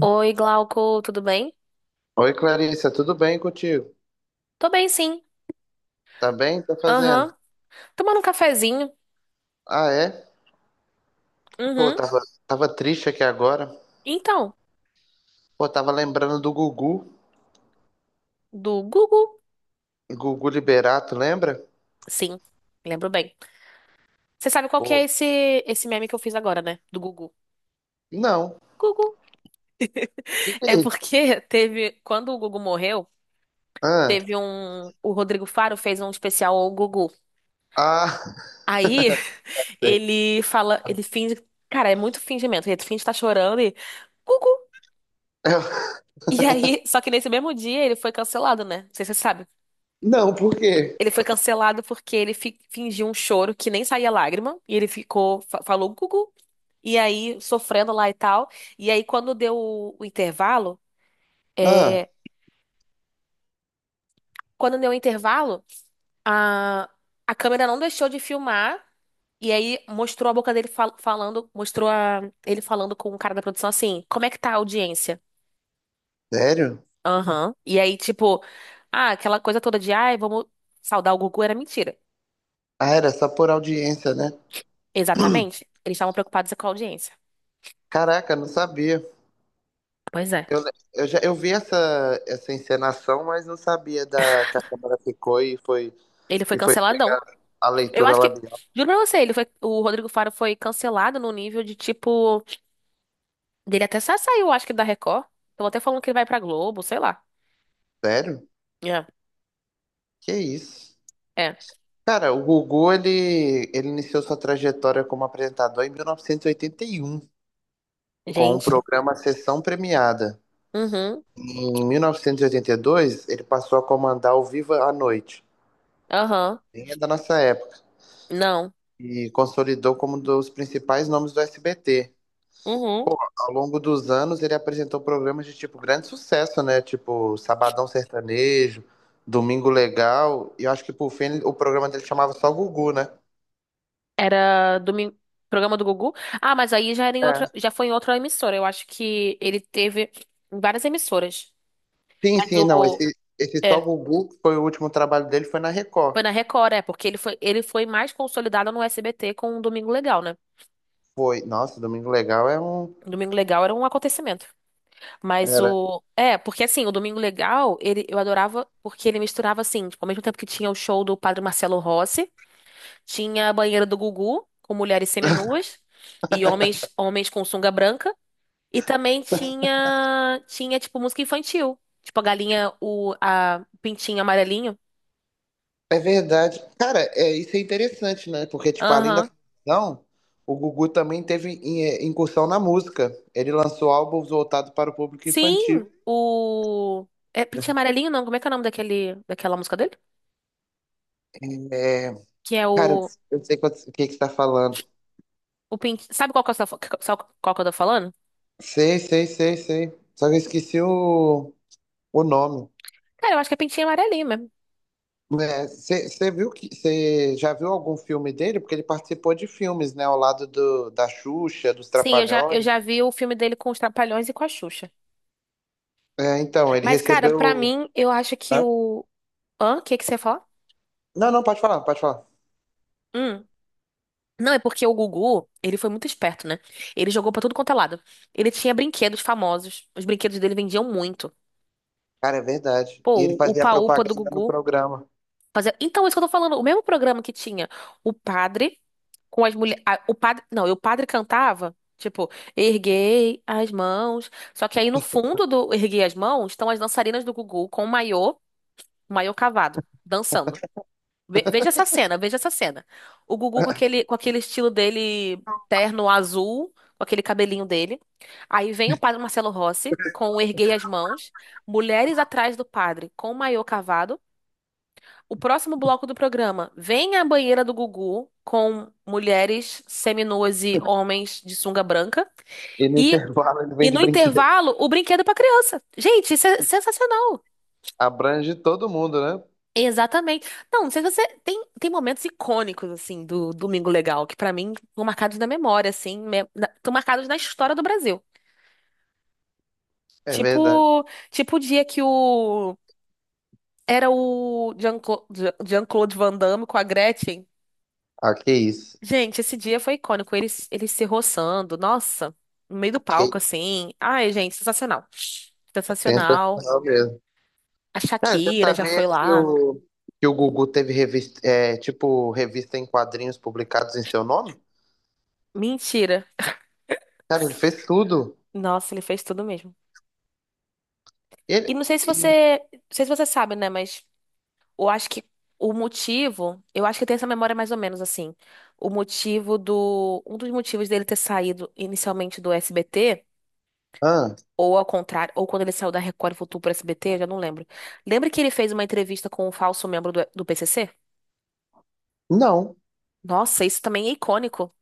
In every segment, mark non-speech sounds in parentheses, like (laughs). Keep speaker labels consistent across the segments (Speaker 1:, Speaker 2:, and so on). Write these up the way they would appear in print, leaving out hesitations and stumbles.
Speaker 1: Oi, Glauco, tudo bem?
Speaker 2: Oi, Clarissa, tudo bem contigo?
Speaker 1: Tô bem, sim.
Speaker 2: Tá bem? Tá fazendo?
Speaker 1: Aham. Tomando um cafezinho.
Speaker 2: Ah, é? Pô,
Speaker 1: Uhum.
Speaker 2: tava triste aqui agora.
Speaker 1: Então,
Speaker 2: Pô, tava lembrando do Gugu.
Speaker 1: do Gugu?
Speaker 2: Gugu Liberato, lembra?
Speaker 1: Sim, lembro bem. Você sabe qual que é
Speaker 2: Pô,
Speaker 1: esse meme que eu fiz agora, né? Do Gugu.
Speaker 2: não.
Speaker 1: Gugu.
Speaker 2: E
Speaker 1: É
Speaker 2: aí?
Speaker 1: porque (laughs) teve. Quando o Gugu morreu,
Speaker 2: Ah,
Speaker 1: teve um. O Rodrigo Faro fez um especial ao Gugu.
Speaker 2: ah, (laughs)
Speaker 1: Aí (laughs)
Speaker 2: sei.
Speaker 1: ele fala. Ele finge. Cara, é muito fingimento. Ele finge estar chorando e. Gugu!
Speaker 2: Eu-
Speaker 1: E aí, (laughs) só que nesse mesmo dia ele foi cancelado, né? Não sei se você sabe.
Speaker 2: não, por quê?
Speaker 1: Ele foi cancelado porque ele fingiu um choro que nem saía lágrima. E ele ficou, falou gugu, e aí sofrendo lá e tal. E aí, quando deu o intervalo,
Speaker 2: Ah,
Speaker 1: é, quando deu o intervalo, a, a câmera não deixou de filmar. E aí mostrou a boca dele falando, mostrou a- ele falando com o cara da produção assim, como é que tá a audiência?
Speaker 2: sério?
Speaker 1: Aham. E aí, tipo, ah, aquela coisa toda de, ai, vamos saudar o Gugu era mentira.
Speaker 2: Ah, era só por audiência, né?
Speaker 1: Exatamente. Eles estavam preocupados com a audiência.
Speaker 2: Caraca, não sabia.
Speaker 1: Pois é.
Speaker 2: Eu, le- eu já eu vi essa, essa encenação, mas não sabia da que a câmera ficou e foi
Speaker 1: Ele foi
Speaker 2: e foi pegar
Speaker 1: canceladão.
Speaker 2: a
Speaker 1: Eu
Speaker 2: leitura
Speaker 1: acho que,
Speaker 2: labial.
Speaker 1: juro pra você, o Rodrigo Faro foi cancelado no nível de tipo, dele até saiu, acho que da Record. Estão até falando que ele vai pra Globo, sei lá.
Speaker 2: Sério?
Speaker 1: É.
Speaker 2: Que isso?
Speaker 1: É.
Speaker 2: Cara, o Gugu, ele iniciou sua trajetória como apresentador em 1981, com o
Speaker 1: Gente.
Speaker 2: programa Sessão Premiada.
Speaker 1: Uhum.
Speaker 2: Em 1982, ele passou a comandar o Viva à Noite,
Speaker 1: Aham.
Speaker 2: bem é da nossa época,
Speaker 1: Não.
Speaker 2: e consolidou como um dos principais nomes do SBT.
Speaker 1: Uhum.
Speaker 2: Ao longo dos anos, ele apresentou programas de, tipo, grande sucesso, né? Tipo, Sabadão Sertanejo, Domingo Legal, e eu acho que, por fim, o programa dele chamava só Gugu, né?
Speaker 1: Era domingo, programa do Gugu. Ah, mas aí já era em
Speaker 2: É.
Speaker 1: outra, já foi em outra emissora. Eu acho que ele teve em várias emissoras.
Speaker 2: Sim,
Speaker 1: Mas
Speaker 2: sim, não.
Speaker 1: o
Speaker 2: Esse Só
Speaker 1: é,
Speaker 2: Gugu, que foi o último trabalho dele, foi na
Speaker 1: foi
Speaker 2: Record.
Speaker 1: na Record, é, porque ele foi mais consolidado no SBT com o Domingo Legal, né?
Speaker 2: Foi. Nossa, Domingo Legal é um.
Speaker 1: O Domingo Legal era um acontecimento. Mas
Speaker 2: Era.
Speaker 1: o. É, porque assim, o Domingo Legal, ele, eu adorava porque ele misturava assim, tipo, ao mesmo tempo que tinha o show do Padre Marcelo Rossi, tinha a banheira do Gugu, com mulheres seminuas e homens, homens com sunga branca, e também tinha, tinha tipo, música infantil. Tipo, a galinha, o a pintinho amarelinho.
Speaker 2: É verdade. Cara, é, isso é interessante, né? Porque, tipo, além da
Speaker 1: Aham.
Speaker 2: ficção, o Gugu também teve incursão na música. Ele lançou álbuns voltados para o público
Speaker 1: Sim,
Speaker 2: infantil.
Speaker 1: o. É pintinho amarelinho, não? Como é que é o nome daquele, daquela música dele?
Speaker 2: É,
Speaker 1: Que é
Speaker 2: cara,
Speaker 1: o.
Speaker 2: eu sei o que que você tá falando.
Speaker 1: O pint... Sabe qual que eu tô, qual que eu tô falando?
Speaker 2: Sei, sei, sei, sei. Só que eu esqueci o nome.
Speaker 1: Cara, eu acho que é pintinho amarelinho mesmo.
Speaker 2: Você viu que você já viu algum filme dele? Porque ele participou de filmes, né? Ao lado do, da Xuxa, dos
Speaker 1: Sim, eu
Speaker 2: Trapalhões.
Speaker 1: já vi o filme dele com os Trapalhões e com a Xuxa.
Speaker 2: É, então, ele
Speaker 1: Mas, cara, pra
Speaker 2: recebeu.
Speaker 1: mim, eu acho que
Speaker 2: Hã?
Speaker 1: o. Hã? O que que você ia falar?
Speaker 2: Não, não, pode falar, pode falar.
Speaker 1: Hum. Não, é porque o Gugu, ele foi muito esperto, né? Ele jogou pra tudo quanto é lado. Ele tinha brinquedos famosos. Os brinquedos dele vendiam muito.
Speaker 2: Cara, é verdade. E ele
Speaker 1: Pô, o
Speaker 2: fazia
Speaker 1: Upa-Upa do
Speaker 2: propaganda no
Speaker 1: Gugu.
Speaker 2: programa.
Speaker 1: Fazia... Então, isso que eu tô falando. O mesmo programa que tinha o padre com as mulheres. O padre. Não, e o padre cantava. Tipo, erguei as mãos. Só que aí no fundo do erguei as mãos estão as dançarinas do Gugu com o maiô. Maiô cavado, dançando. Veja essa cena, veja essa cena. O Gugu com aquele estilo dele, terno azul, com aquele cabelinho dele. Aí vem o padre Marcelo Rossi com o Erguei as Mãos, mulheres atrás do padre com o maiô cavado. O próximo bloco do programa vem a banheira do Gugu com mulheres seminuas e homens de sunga branca.
Speaker 2: E no
Speaker 1: E,
Speaker 2: intervalo ele
Speaker 1: e
Speaker 2: vende
Speaker 1: no
Speaker 2: brinquedo.
Speaker 1: intervalo, o brinquedo para criança. Gente, isso é sensacional.
Speaker 2: Abrange todo mundo, né?
Speaker 1: Exatamente. Não, não sei se você tem, tem momentos icônicos assim do Domingo Legal que pra mim estão marcados na memória assim, estão marcados na história do Brasil.
Speaker 2: É verdade.
Speaker 1: Tipo, tipo o dia que o era o Jean-Claude Van Damme com a Gretchen.
Speaker 2: Ah, que isso.
Speaker 1: Gente, esse dia foi icônico, eles se roçando, nossa, no meio do
Speaker 2: Que
Speaker 1: palco assim. Ai, gente, sensacional. Sensacional.
Speaker 2: sensacional mesmo.
Speaker 1: A
Speaker 2: Cara, você
Speaker 1: Shakira já
Speaker 2: sabia
Speaker 1: foi
Speaker 2: que
Speaker 1: lá.
Speaker 2: o, que o Gugu teve revista, tipo, revista em quadrinhos publicados em seu nome?
Speaker 1: Mentira.
Speaker 2: Cara, ele fez tudo.
Speaker 1: Nossa, ele fez tudo mesmo. E
Speaker 2: Ele.
Speaker 1: não sei se você, não sei se você sabe, né, mas eu acho que o motivo, eu acho que tem essa memória mais ou menos assim. O motivo do, um dos motivos dele ter saído inicialmente do SBT,
Speaker 2: Ah,
Speaker 1: ou ao contrário, ou quando ele saiu da Record e voltou pro SBT, eu já não lembro. Lembra que ele fez uma entrevista com um falso membro do PCC?
Speaker 2: não.
Speaker 1: Nossa, isso também é icônico.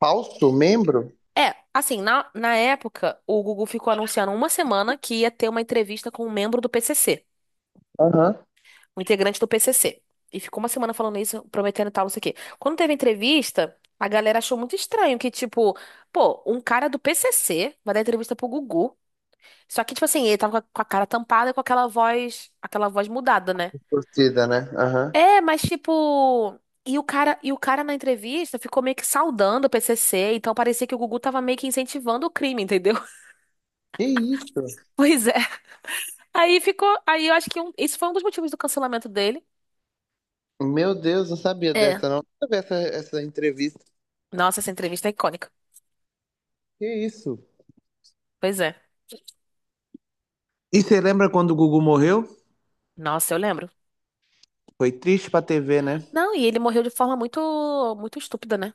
Speaker 2: Falso membro?
Speaker 1: É, assim, na, na época, o Gugu ficou anunciando uma semana que ia ter uma entrevista com um membro do PCC.
Speaker 2: Aham.
Speaker 1: Um integrante do PCC. E ficou uma semana falando isso, prometendo tal, não sei o quê. Quando teve entrevista, a galera achou muito estranho que, tipo, pô, um cara do PCC vai dar entrevista pro Gugu. Só que, tipo assim, ele tava com a cara tampada e com aquela voz mudada, né?
Speaker 2: Torcida, né? Aham.
Speaker 1: É, mas tipo, e o cara na entrevista ficou meio que saudando o PCC, então parecia que o Gugu tava meio que incentivando o crime, entendeu? (laughs)
Speaker 2: Que isso?
Speaker 1: Pois é. Aí ficou, aí eu acho que um- isso foi um dos motivos do cancelamento dele.
Speaker 2: Meu Deus, não sabia
Speaker 1: É.
Speaker 2: dessa, não. Nunca vi essa entrevista.
Speaker 1: Nossa, essa entrevista é icônica.
Speaker 2: Que isso?
Speaker 1: Pois é.
Speaker 2: E você lembra quando o Gugu morreu?
Speaker 1: Nossa, eu lembro.
Speaker 2: Foi triste pra TV, né?
Speaker 1: Não, e ele morreu de forma muito, muito estúpida, né?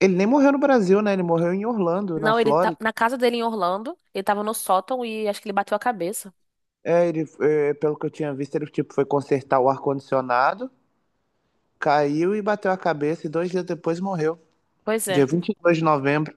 Speaker 2: Ele nem morreu no Brasil, né? Ele morreu em Orlando, na
Speaker 1: Não, ele tá
Speaker 2: Flórida.
Speaker 1: na casa dele em Orlando, ele tava no sótão e acho que ele bateu a cabeça.
Speaker 2: É, ele, pelo que eu tinha visto, ele tipo, foi consertar o ar-condicionado, caiu e bateu a cabeça, e dois dias depois morreu.
Speaker 1: Pois
Speaker 2: Dia
Speaker 1: é.
Speaker 2: 22 de novembro.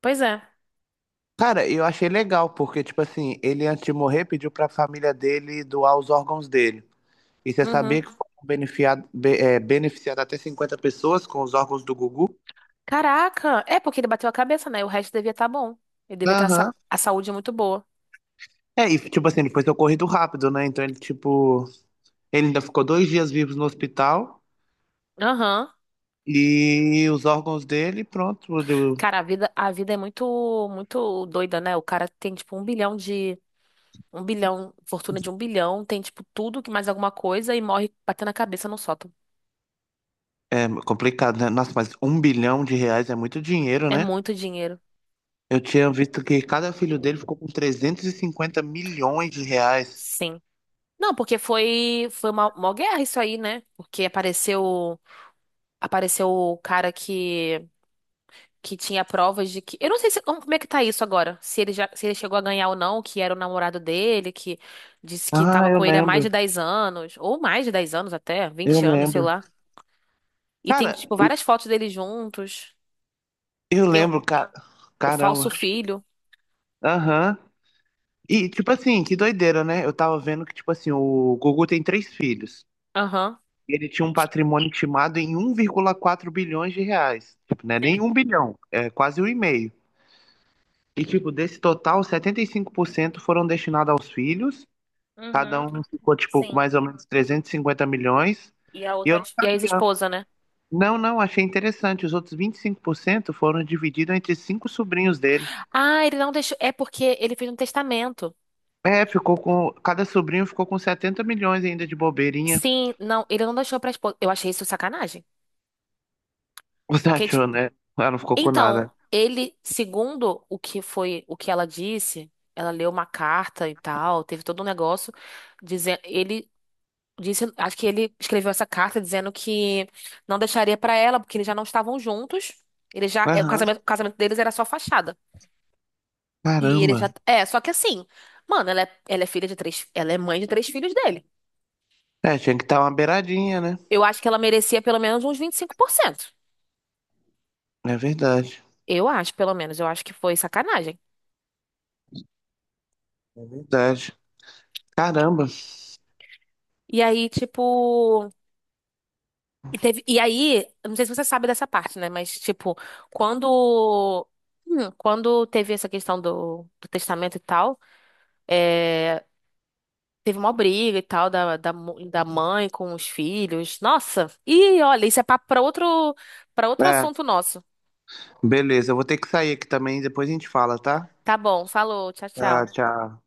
Speaker 1: Pois é.
Speaker 2: Cara, eu achei legal, porque, tipo assim, ele antes de morrer pediu pra família dele doar os órgãos dele. E você
Speaker 1: Uhum.
Speaker 2: sabia que foram beneficiadas até 50 pessoas com os órgãos do Gugu?
Speaker 1: Caraca, é porque ele bateu a cabeça, né? O resto devia estar bom. Ele devia ter a,
Speaker 2: Aham.
Speaker 1: a saúde muito boa.
Speaker 2: É, e, tipo assim, ele foi socorrido rápido, né? Então ele, tipo, ele ainda ficou dois dias vivos no hospital
Speaker 1: Aham.
Speaker 2: e os órgãos dele, pronto.
Speaker 1: Cara, a vida é muito, muito doida, né? O cara tem tipo um bilhão de, um bilhão, fortuna de um bilhão, tem tipo tudo que mais alguma coisa e morre batendo a cabeça no sótão.
Speaker 2: É complicado, né? Nossa, mas um bilhão de reais é muito dinheiro,
Speaker 1: É
Speaker 2: né?
Speaker 1: muito dinheiro.
Speaker 2: Eu tinha visto que cada filho dele ficou com 350 milhões de reais.
Speaker 1: Sim. Não, porque foi uma guerra isso aí, né? Porque apareceu o cara que tinha provas de que eu não sei se, como, como é que tá isso agora, se ele já se ele chegou a ganhar ou não, que era o namorado dele, que disse que
Speaker 2: Ah,
Speaker 1: tava
Speaker 2: eu
Speaker 1: com ele há mais de
Speaker 2: lembro.
Speaker 1: 10 anos, ou mais de 10 anos até,
Speaker 2: Eu
Speaker 1: 20 anos, sei
Speaker 2: lembro.
Speaker 1: lá. E tem
Speaker 2: Cara,
Speaker 1: tipo várias fotos deles juntos.
Speaker 2: eu
Speaker 1: Tem
Speaker 2: lembro, cara.
Speaker 1: o
Speaker 2: Caramba.
Speaker 1: falso filho.
Speaker 2: Aham. E, tipo assim, que doideira, né? Eu tava vendo que, tipo assim, o Gugu tem três filhos.
Speaker 1: Aham.
Speaker 2: Ele tinha um patrimônio estimado em 1,4 bilhões de reais. Tipo, não é nem
Speaker 1: Sim.
Speaker 2: um bilhão, é quase um e meio. E, tipo, desse total, 75% foram destinados aos filhos. Cada
Speaker 1: Uhum.
Speaker 2: um ficou, tipo, com
Speaker 1: Sim.
Speaker 2: mais ou menos 350 milhões.
Speaker 1: E a
Speaker 2: E eu
Speaker 1: outra
Speaker 2: não
Speaker 1: e a
Speaker 2: sabia.
Speaker 1: ex-esposa, né?
Speaker 2: Não, não, achei interessante. Os outros 25% foram divididos entre cinco sobrinhos dele.
Speaker 1: Ah, ele não deixou. É porque ele fez um testamento.
Speaker 2: É, ficou com. Cada sobrinho ficou com 70 milhões ainda de bobeirinha.
Speaker 1: Sim, não, ele não deixou pra esposa. Eu achei isso sacanagem.
Speaker 2: Você
Speaker 1: Porque, tipo,
Speaker 2: achou, né? Ela não ficou com
Speaker 1: então,
Speaker 2: nada.
Speaker 1: ele, segundo o que foi, o que ela disse, ela leu uma carta e tal, teve todo um negócio dizendo, ele disse, acho que ele escreveu essa carta dizendo que não deixaria pra ela, porque eles já não estavam juntos. Ele já, é,
Speaker 2: Aham,
Speaker 1: o casamento deles era só fachada. E ele já,
Speaker 2: caramba.
Speaker 1: é, só que assim, mano, ela é mãe de 3 filhos dele.
Speaker 2: É, tinha que estar uma beiradinha, né?
Speaker 1: Eu acho que ela merecia pelo menos uns 25%.
Speaker 2: É verdade.
Speaker 1: Eu acho, pelo menos. Eu acho que foi sacanagem.
Speaker 2: É verdade. Caramba.
Speaker 1: E aí, tipo. E, e aí, eu não sei se você sabe dessa parte, né? Mas, tipo, quando. Quando teve essa questão do testamento e tal, é, teve uma briga e tal da, da mãe com os filhos. Nossa! E olha, isso é papo pra outro, para outro
Speaker 2: É,
Speaker 1: assunto nosso.
Speaker 2: beleza. Eu vou ter que sair aqui também, depois a gente fala, tá?
Speaker 1: Tá bom, falou, tchau,
Speaker 2: Tchau,
Speaker 1: tchau.
Speaker 2: tchau.